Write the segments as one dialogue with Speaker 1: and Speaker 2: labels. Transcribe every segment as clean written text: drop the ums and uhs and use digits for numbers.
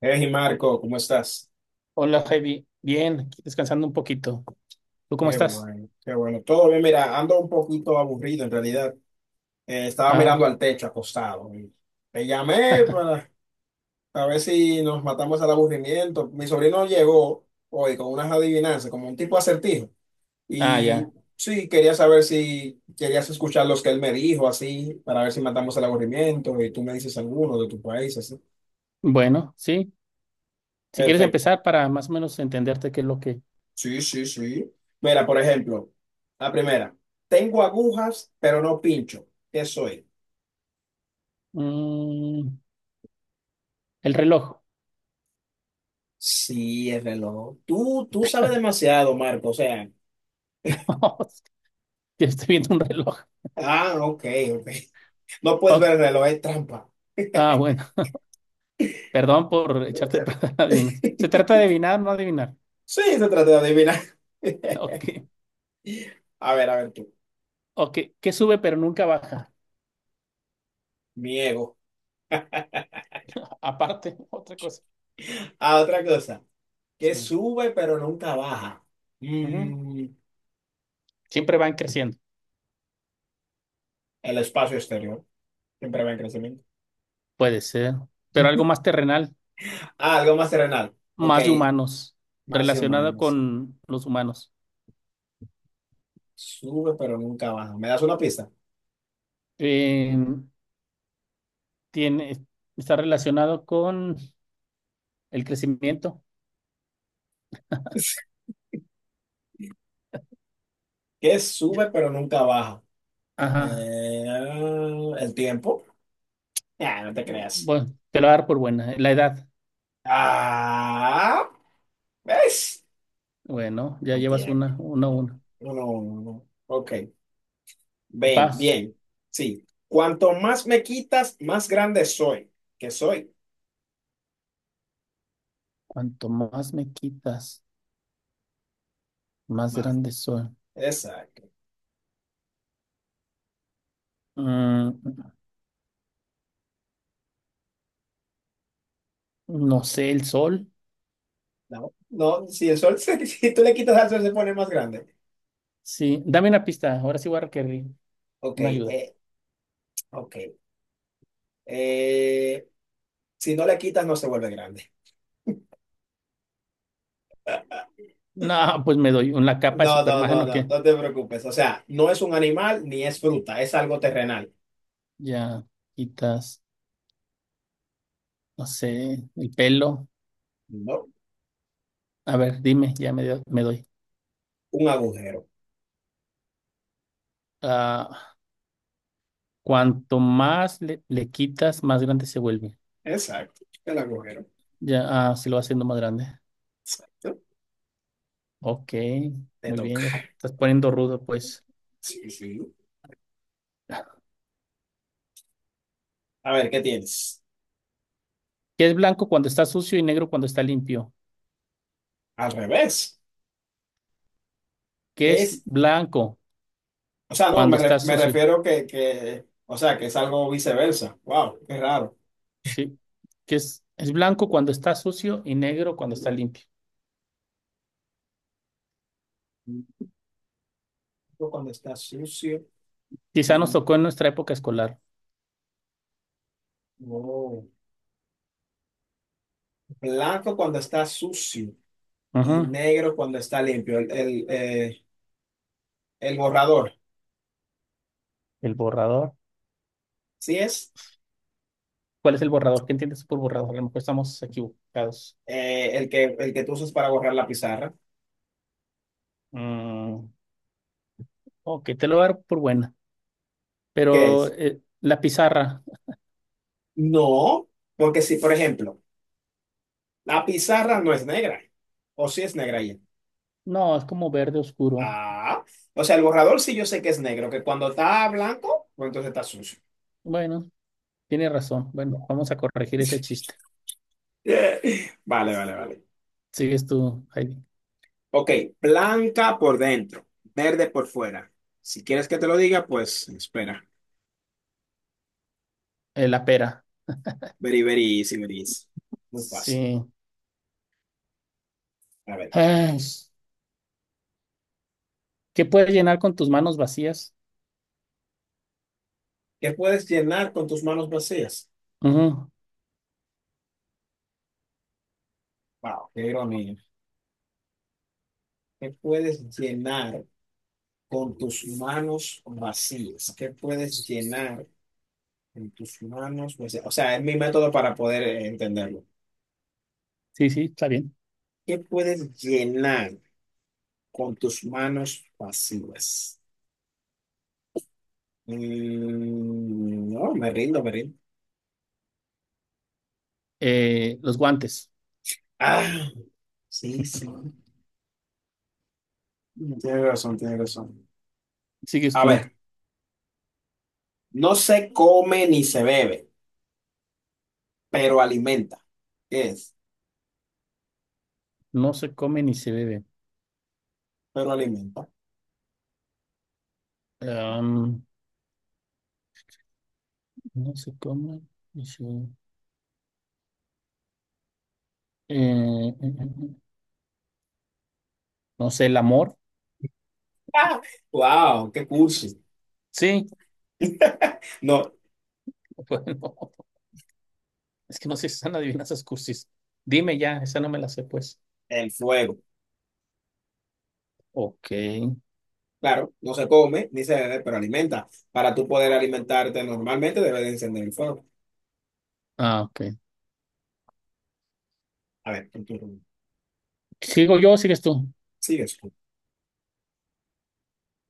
Speaker 1: Hey Marco, ¿cómo estás?
Speaker 2: Hola, Javi. Bien, aquí descansando un poquito. ¿Tú cómo
Speaker 1: Qué
Speaker 2: estás?
Speaker 1: bueno, qué bueno. Todo bien, mira, ando un poquito aburrido en realidad. Estaba
Speaker 2: Ah,
Speaker 1: mirando al techo acostado. Te llamé para a ver si nos matamos al aburrimiento. Mi sobrino llegó hoy con unas adivinanzas, como un tipo acertijo.
Speaker 2: ah,
Speaker 1: Y
Speaker 2: ya.
Speaker 1: sí, quería saber si querías escuchar los que él me dijo, así, para ver si matamos al aburrimiento y tú me dices alguno de tu país, así.
Speaker 2: Bueno, sí. Si quieres
Speaker 1: Perfecto.
Speaker 2: empezar para más o menos entenderte qué es lo que
Speaker 1: Sí, sí, sí. Mira, por ejemplo, la primera. Tengo agujas, pero no pincho. ¿Qué soy?
Speaker 2: Mm, el reloj.
Speaker 1: Sí, el reloj. Tú sabes demasiado, Marco. O sea,
Speaker 2: Ya estoy viendo un reloj.
Speaker 1: ah, ok, ok. No puedes ver
Speaker 2: Oh,
Speaker 1: el reloj, es trampa.
Speaker 2: ah, bueno. Perdón por echarte a perder la adivinanza. Se trata de adivinar, no adivinar.
Speaker 1: Sí, se trata de adivinar.
Speaker 2: Ok,
Speaker 1: A ver tú.
Speaker 2: ok. ¿Qué sube pero nunca baja?
Speaker 1: Mi ego.
Speaker 2: Aparte, otra cosa.
Speaker 1: Ah, otra cosa. Que
Speaker 2: Sí.
Speaker 1: sube, pero nunca baja.
Speaker 2: Ujú.
Speaker 1: Mm,
Speaker 2: Siempre van creciendo.
Speaker 1: el espacio exterior. Siempre va en crecimiento.
Speaker 2: Puede ser. Pero algo más terrenal,
Speaker 1: Ah, algo más terrenal. Ok,
Speaker 2: más de humanos,
Speaker 1: más
Speaker 2: relacionado
Speaker 1: humanos.
Speaker 2: con los humanos.
Speaker 1: Sube pero nunca baja. ¿Me das una pista?
Speaker 2: Eh, Tiene, está relacionado con el crecimiento.
Speaker 1: ¿Qué
Speaker 2: Ya-
Speaker 1: sube pero nunca baja?
Speaker 2: Ajá.
Speaker 1: Eh, el tiempo. Ah, no te creas.
Speaker 2: Bueno, te lo voy a dar por buena. La edad.
Speaker 1: Ah, ¿ves?
Speaker 2: Bueno, ya
Speaker 1: El
Speaker 2: llevas
Speaker 1: tiempo.
Speaker 2: una, una.
Speaker 1: No, no, no. Ok. Bien,
Speaker 2: Paz.
Speaker 1: bien. Sí. Cuanto más me quitas, más grande soy. ¿Qué soy?
Speaker 2: Cuanto más me quitas, más
Speaker 1: Más.
Speaker 2: grande soy.
Speaker 1: Exacto.
Speaker 2: Mm, no sé, el sol.
Speaker 1: No, no, si el sol, si tú le quitas al sol, se pone más grande.
Speaker 2: Sí, dame una pista. Ahora sí voy a requerir
Speaker 1: Ok,
Speaker 2: una ayuda.
Speaker 1: ok. Eh, si no le quitas, no se vuelve grande.
Speaker 2: No, pues me doy una capa de
Speaker 1: No, no, no,
Speaker 2: Superman o
Speaker 1: no,
Speaker 2: qué.
Speaker 1: no te preocupes. O sea, no es un animal ni es fruta, es algo terrenal.
Speaker 2: Ya quitas, no sé, el pelo.
Speaker 1: No,
Speaker 2: A ver, dime, ya me doy.
Speaker 1: un agujero.
Speaker 2: Cuanto más le quitas, más grande se vuelve.
Speaker 1: Exacto, el agujero.
Speaker 2: Ya, ah, se lo va haciendo más grande.
Speaker 1: Exacto.
Speaker 2: Ok,
Speaker 1: Te
Speaker 2: muy bien, ya
Speaker 1: toca.
Speaker 2: estás poniendo rudo, pues.
Speaker 1: Sí, sí. A ver, ¿qué tienes?
Speaker 2: ¿Qué es blanco cuando está sucio y negro cuando está limpio?
Speaker 1: Al revés.
Speaker 2: ¿Qué
Speaker 1: ¿Qué
Speaker 2: es
Speaker 1: es?
Speaker 2: blanco
Speaker 1: O sea, no,
Speaker 2: cuando está
Speaker 1: me
Speaker 2: sucio?
Speaker 1: refiero o sea, que es algo viceversa. Wow, qué raro.
Speaker 2: Sí. ¿Qué es blanco cuando está sucio y negro cuando está limpio?
Speaker 1: Blanco cuando está sucio
Speaker 2: Quizá nos
Speaker 1: y
Speaker 2: tocó en nuestra época escolar.
Speaker 1: oh, blanco cuando está sucio y
Speaker 2: Ujú.
Speaker 1: negro cuando está limpio. El borrador.
Speaker 2: El borrador.
Speaker 1: ¿Sí es?
Speaker 2: ¿Cuál es el borrador? ¿Qué entiendes por borrador? A lo mejor estamos equivocados.
Speaker 1: El que, el que tú usas para borrar la pizarra,
Speaker 2: Mm, ok, te lo voy a dar por buena.
Speaker 1: ¿qué
Speaker 2: Pero
Speaker 1: es?
Speaker 2: la pizarra.
Speaker 1: No, porque si, por ejemplo, la pizarra no es negra, o si es negra ya.
Speaker 2: No, es como verde oscuro.
Speaker 1: Ah, o sea, el borrador sí yo sé que es negro, que cuando está blanco, pues entonces está sucio.
Speaker 2: Bueno, tiene razón. Bueno, vamos a corregir ese chiste.
Speaker 1: Vale, vale, vale.
Speaker 2: Sigues tú, Heidi.
Speaker 1: Ok, blanca por dentro, verde por fuera. Si quieres que te lo diga, pues espera.
Speaker 2: La pera.
Speaker 1: Very, very easy, very easy. Muy fácil.
Speaker 2: Sí.
Speaker 1: A ver,
Speaker 2: Ay, ¿qué puedes llenar con tus manos vacías?
Speaker 1: ¿qué puedes llenar con tus manos vacías?
Speaker 2: Ujú.
Speaker 1: Wow, qué ironía. ¿Qué puedes llenar con tus manos vacías? ¿Qué puedes llenar con tus manos vacías? O sea, es mi método para poder entenderlo.
Speaker 2: Sí, sí, está bien.
Speaker 1: ¿Qué puedes llenar con tus manos vacías? Mm, no, me rindo, me rindo.
Speaker 2: Los guantes.
Speaker 1: Ah, sí, sí. Tienes razón, tienes razón.
Speaker 2: Sigues
Speaker 1: A
Speaker 2: tú.
Speaker 1: ver, no se come ni se bebe, pero alimenta. ¿Qué es?
Speaker 2: No se come ni se bebe.
Speaker 1: Pero alimenta.
Speaker 2: Am, no se come ni se bebe. Eh, eh, eh, eh. No sé, el amor.
Speaker 1: Ah, ¡wow! ¡Qué cursi!
Speaker 2: Sí,
Speaker 1: No,
Speaker 2: bueno, es que no sé si están adivinanzas cursis. Dime ya, esa no me la sé, pues.
Speaker 1: el fuego.
Speaker 2: Ok.
Speaker 1: Claro, no se come ni se bebe, pero alimenta. Para tú poder alimentarte normalmente, debes de encender el fuego.
Speaker 2: Ah, ok.
Speaker 1: A ver, tu turno.
Speaker 2: ¿Sigo yo o sigues tú?
Speaker 1: Sigues tú.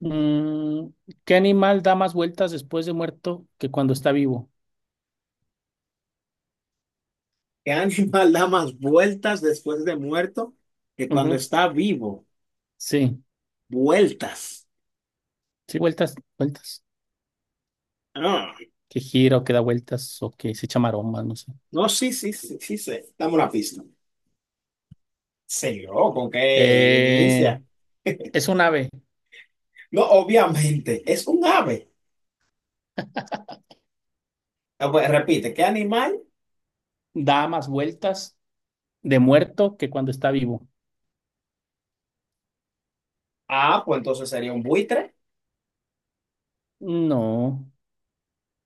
Speaker 2: Mm, ¿qué animal da más vueltas después de muerto que cuando está vivo?
Speaker 1: ¿Qué animal da más vueltas después de muerto que cuando
Speaker 2: Ujú.
Speaker 1: está vivo?
Speaker 2: Sí,
Speaker 1: Vueltas.
Speaker 2: sí, vueltas, vueltas.
Speaker 1: Ah,
Speaker 2: Que gira o que da vueltas o que se echa maromas, no sé.
Speaker 1: no, sí, sí, sí, sí sé. Dame una pista. Seguro, ¿con qué
Speaker 2: Eh,
Speaker 1: inicia?
Speaker 2: es un ave.
Speaker 1: No, obviamente, es un ave. Ah, pues, repite, ¿qué animal?
Speaker 2: Da más vueltas de muerto que cuando está vivo.
Speaker 1: Ah, pues entonces sería un buitre,
Speaker 2: No,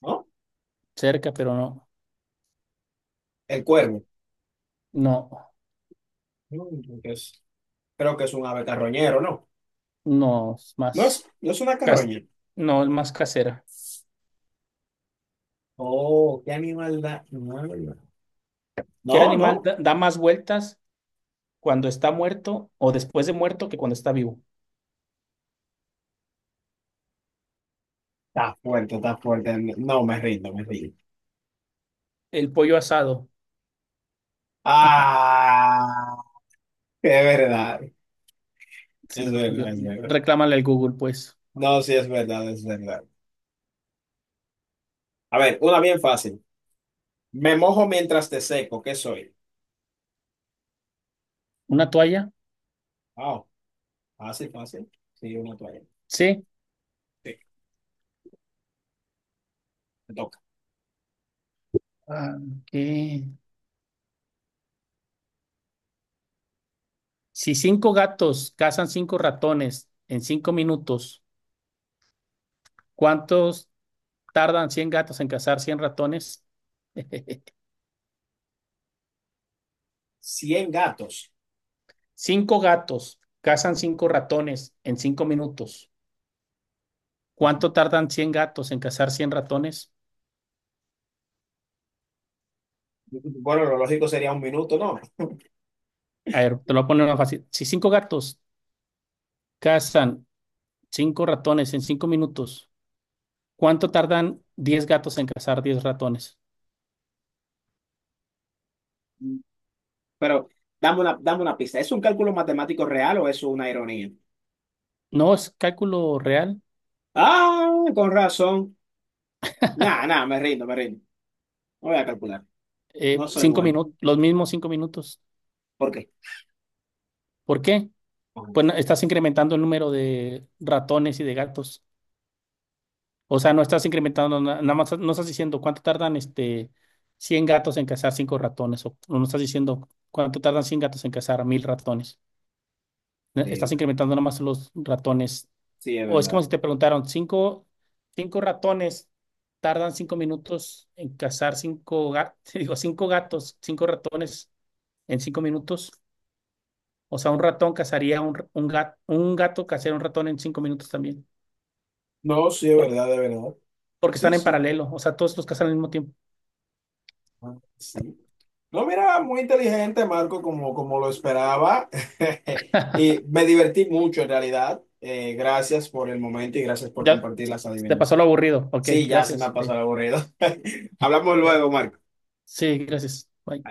Speaker 1: ¿no?
Speaker 2: cerca, pero no.
Speaker 1: El cuervo.
Speaker 2: No,
Speaker 1: No, entonces, creo que es un ave carroñero, ¿no?
Speaker 2: no, es
Speaker 1: No
Speaker 2: más.
Speaker 1: es, no es una
Speaker 2: cas-
Speaker 1: carroña.
Speaker 2: no, es más casera.
Speaker 1: Oh, ¿qué animal da? No,
Speaker 2: ¿Qué
Speaker 1: no,
Speaker 2: animal
Speaker 1: no.
Speaker 2: da más vueltas cuando está muerto o después de muerto que cuando está vivo?
Speaker 1: Está fuerte, está fuerte. No, me rindo, me rindo.
Speaker 2: El pollo asado.
Speaker 1: Ah, es verdad, es
Speaker 2: Sí,
Speaker 1: verdad,
Speaker 2: yo,
Speaker 1: es verdad.
Speaker 2: reclámale al Google, pues.
Speaker 1: No, sí, es verdad, es verdad. A ver, una bien fácil. Me mojo mientras te seco, ¿qué soy?
Speaker 2: ¿Una toalla?
Speaker 1: Wow. Fácil, fácil. Sí, una toalla.
Speaker 2: Sí.
Speaker 1: Sí, me toca.
Speaker 2: Ah, ok. Si cinco gatos cazan cinco ratones en 5 minutos, ¿cuántos tardan 100 gatos en cazar 100 ratones?
Speaker 1: 100 gatos.
Speaker 2: Cinco gatos cazan cinco ratones en cinco minutos.
Speaker 1: Ujú.
Speaker 2: ¿Cuánto tardan 100 gatos en cazar cien ratones?
Speaker 1: Bueno, lo lógico sería 1 minuto, ¿no?
Speaker 2: A ver, te lo voy a poner más fácil. Si cinco gatos cazan cinco ratones en cinco minutos, ¿Cuánto tardan 10 gatos en cazar 10 ratones?
Speaker 1: Pero dame una pista. ¿Es un cálculo matemático real o es una ironía?
Speaker 2: No es cálculo real.
Speaker 1: Ah, con razón. Nah, nah, me rindo, me rindo. No voy a calcular. No soy
Speaker 2: Cinco
Speaker 1: bueno.
Speaker 2: minutos, los mismos 5 minutos.
Speaker 1: ¿Por qué?
Speaker 2: ¿Por qué?
Speaker 1: Ok,
Speaker 2: Pues estás incrementando el número de ratones y de gatos. O sea, no estás incrementando, nada más no estás diciendo cuánto tardan este 100 gatos en cazar cinco ratones. O no estás diciendo cuánto tardan 100 gatos en cazar 1000 ratones. Estás
Speaker 1: ok.
Speaker 2: incrementando nomás los ratones.
Speaker 1: Sí, es
Speaker 2: O es como
Speaker 1: verdad.
Speaker 2: si te preguntaron, cinco ratones tardan 5 minutos en cazar cinco gatos, digo, cinco gatos, cinco ratones en 5 minutos. O sea, un ratón cazaría un gato cazaría un ratón en 5 minutos también.
Speaker 1: No, sí, es
Speaker 2: Por-
Speaker 1: verdad, de verdad.
Speaker 2: Porque
Speaker 1: Sí,
Speaker 2: están en
Speaker 1: sí.
Speaker 2: paralelo. O sea, todos los cazan al mismo tiempo.
Speaker 1: Ah, sí. No, mira, muy inteligente, Marco, como lo esperaba. Y me divertí mucho, en realidad. Gracias por el momento y gracias por
Speaker 2: Ya,
Speaker 1: compartir
Speaker 2: se-
Speaker 1: las
Speaker 2: se te pasó lo
Speaker 1: adivinanzas.
Speaker 2: aburrido. Ok,
Speaker 1: Sí, ya se me ha
Speaker 2: gracias.
Speaker 1: pasado el aburrido. Hablamos
Speaker 2: Ok.
Speaker 1: luego, Marco.
Speaker 2: Sí, gracias. Bye.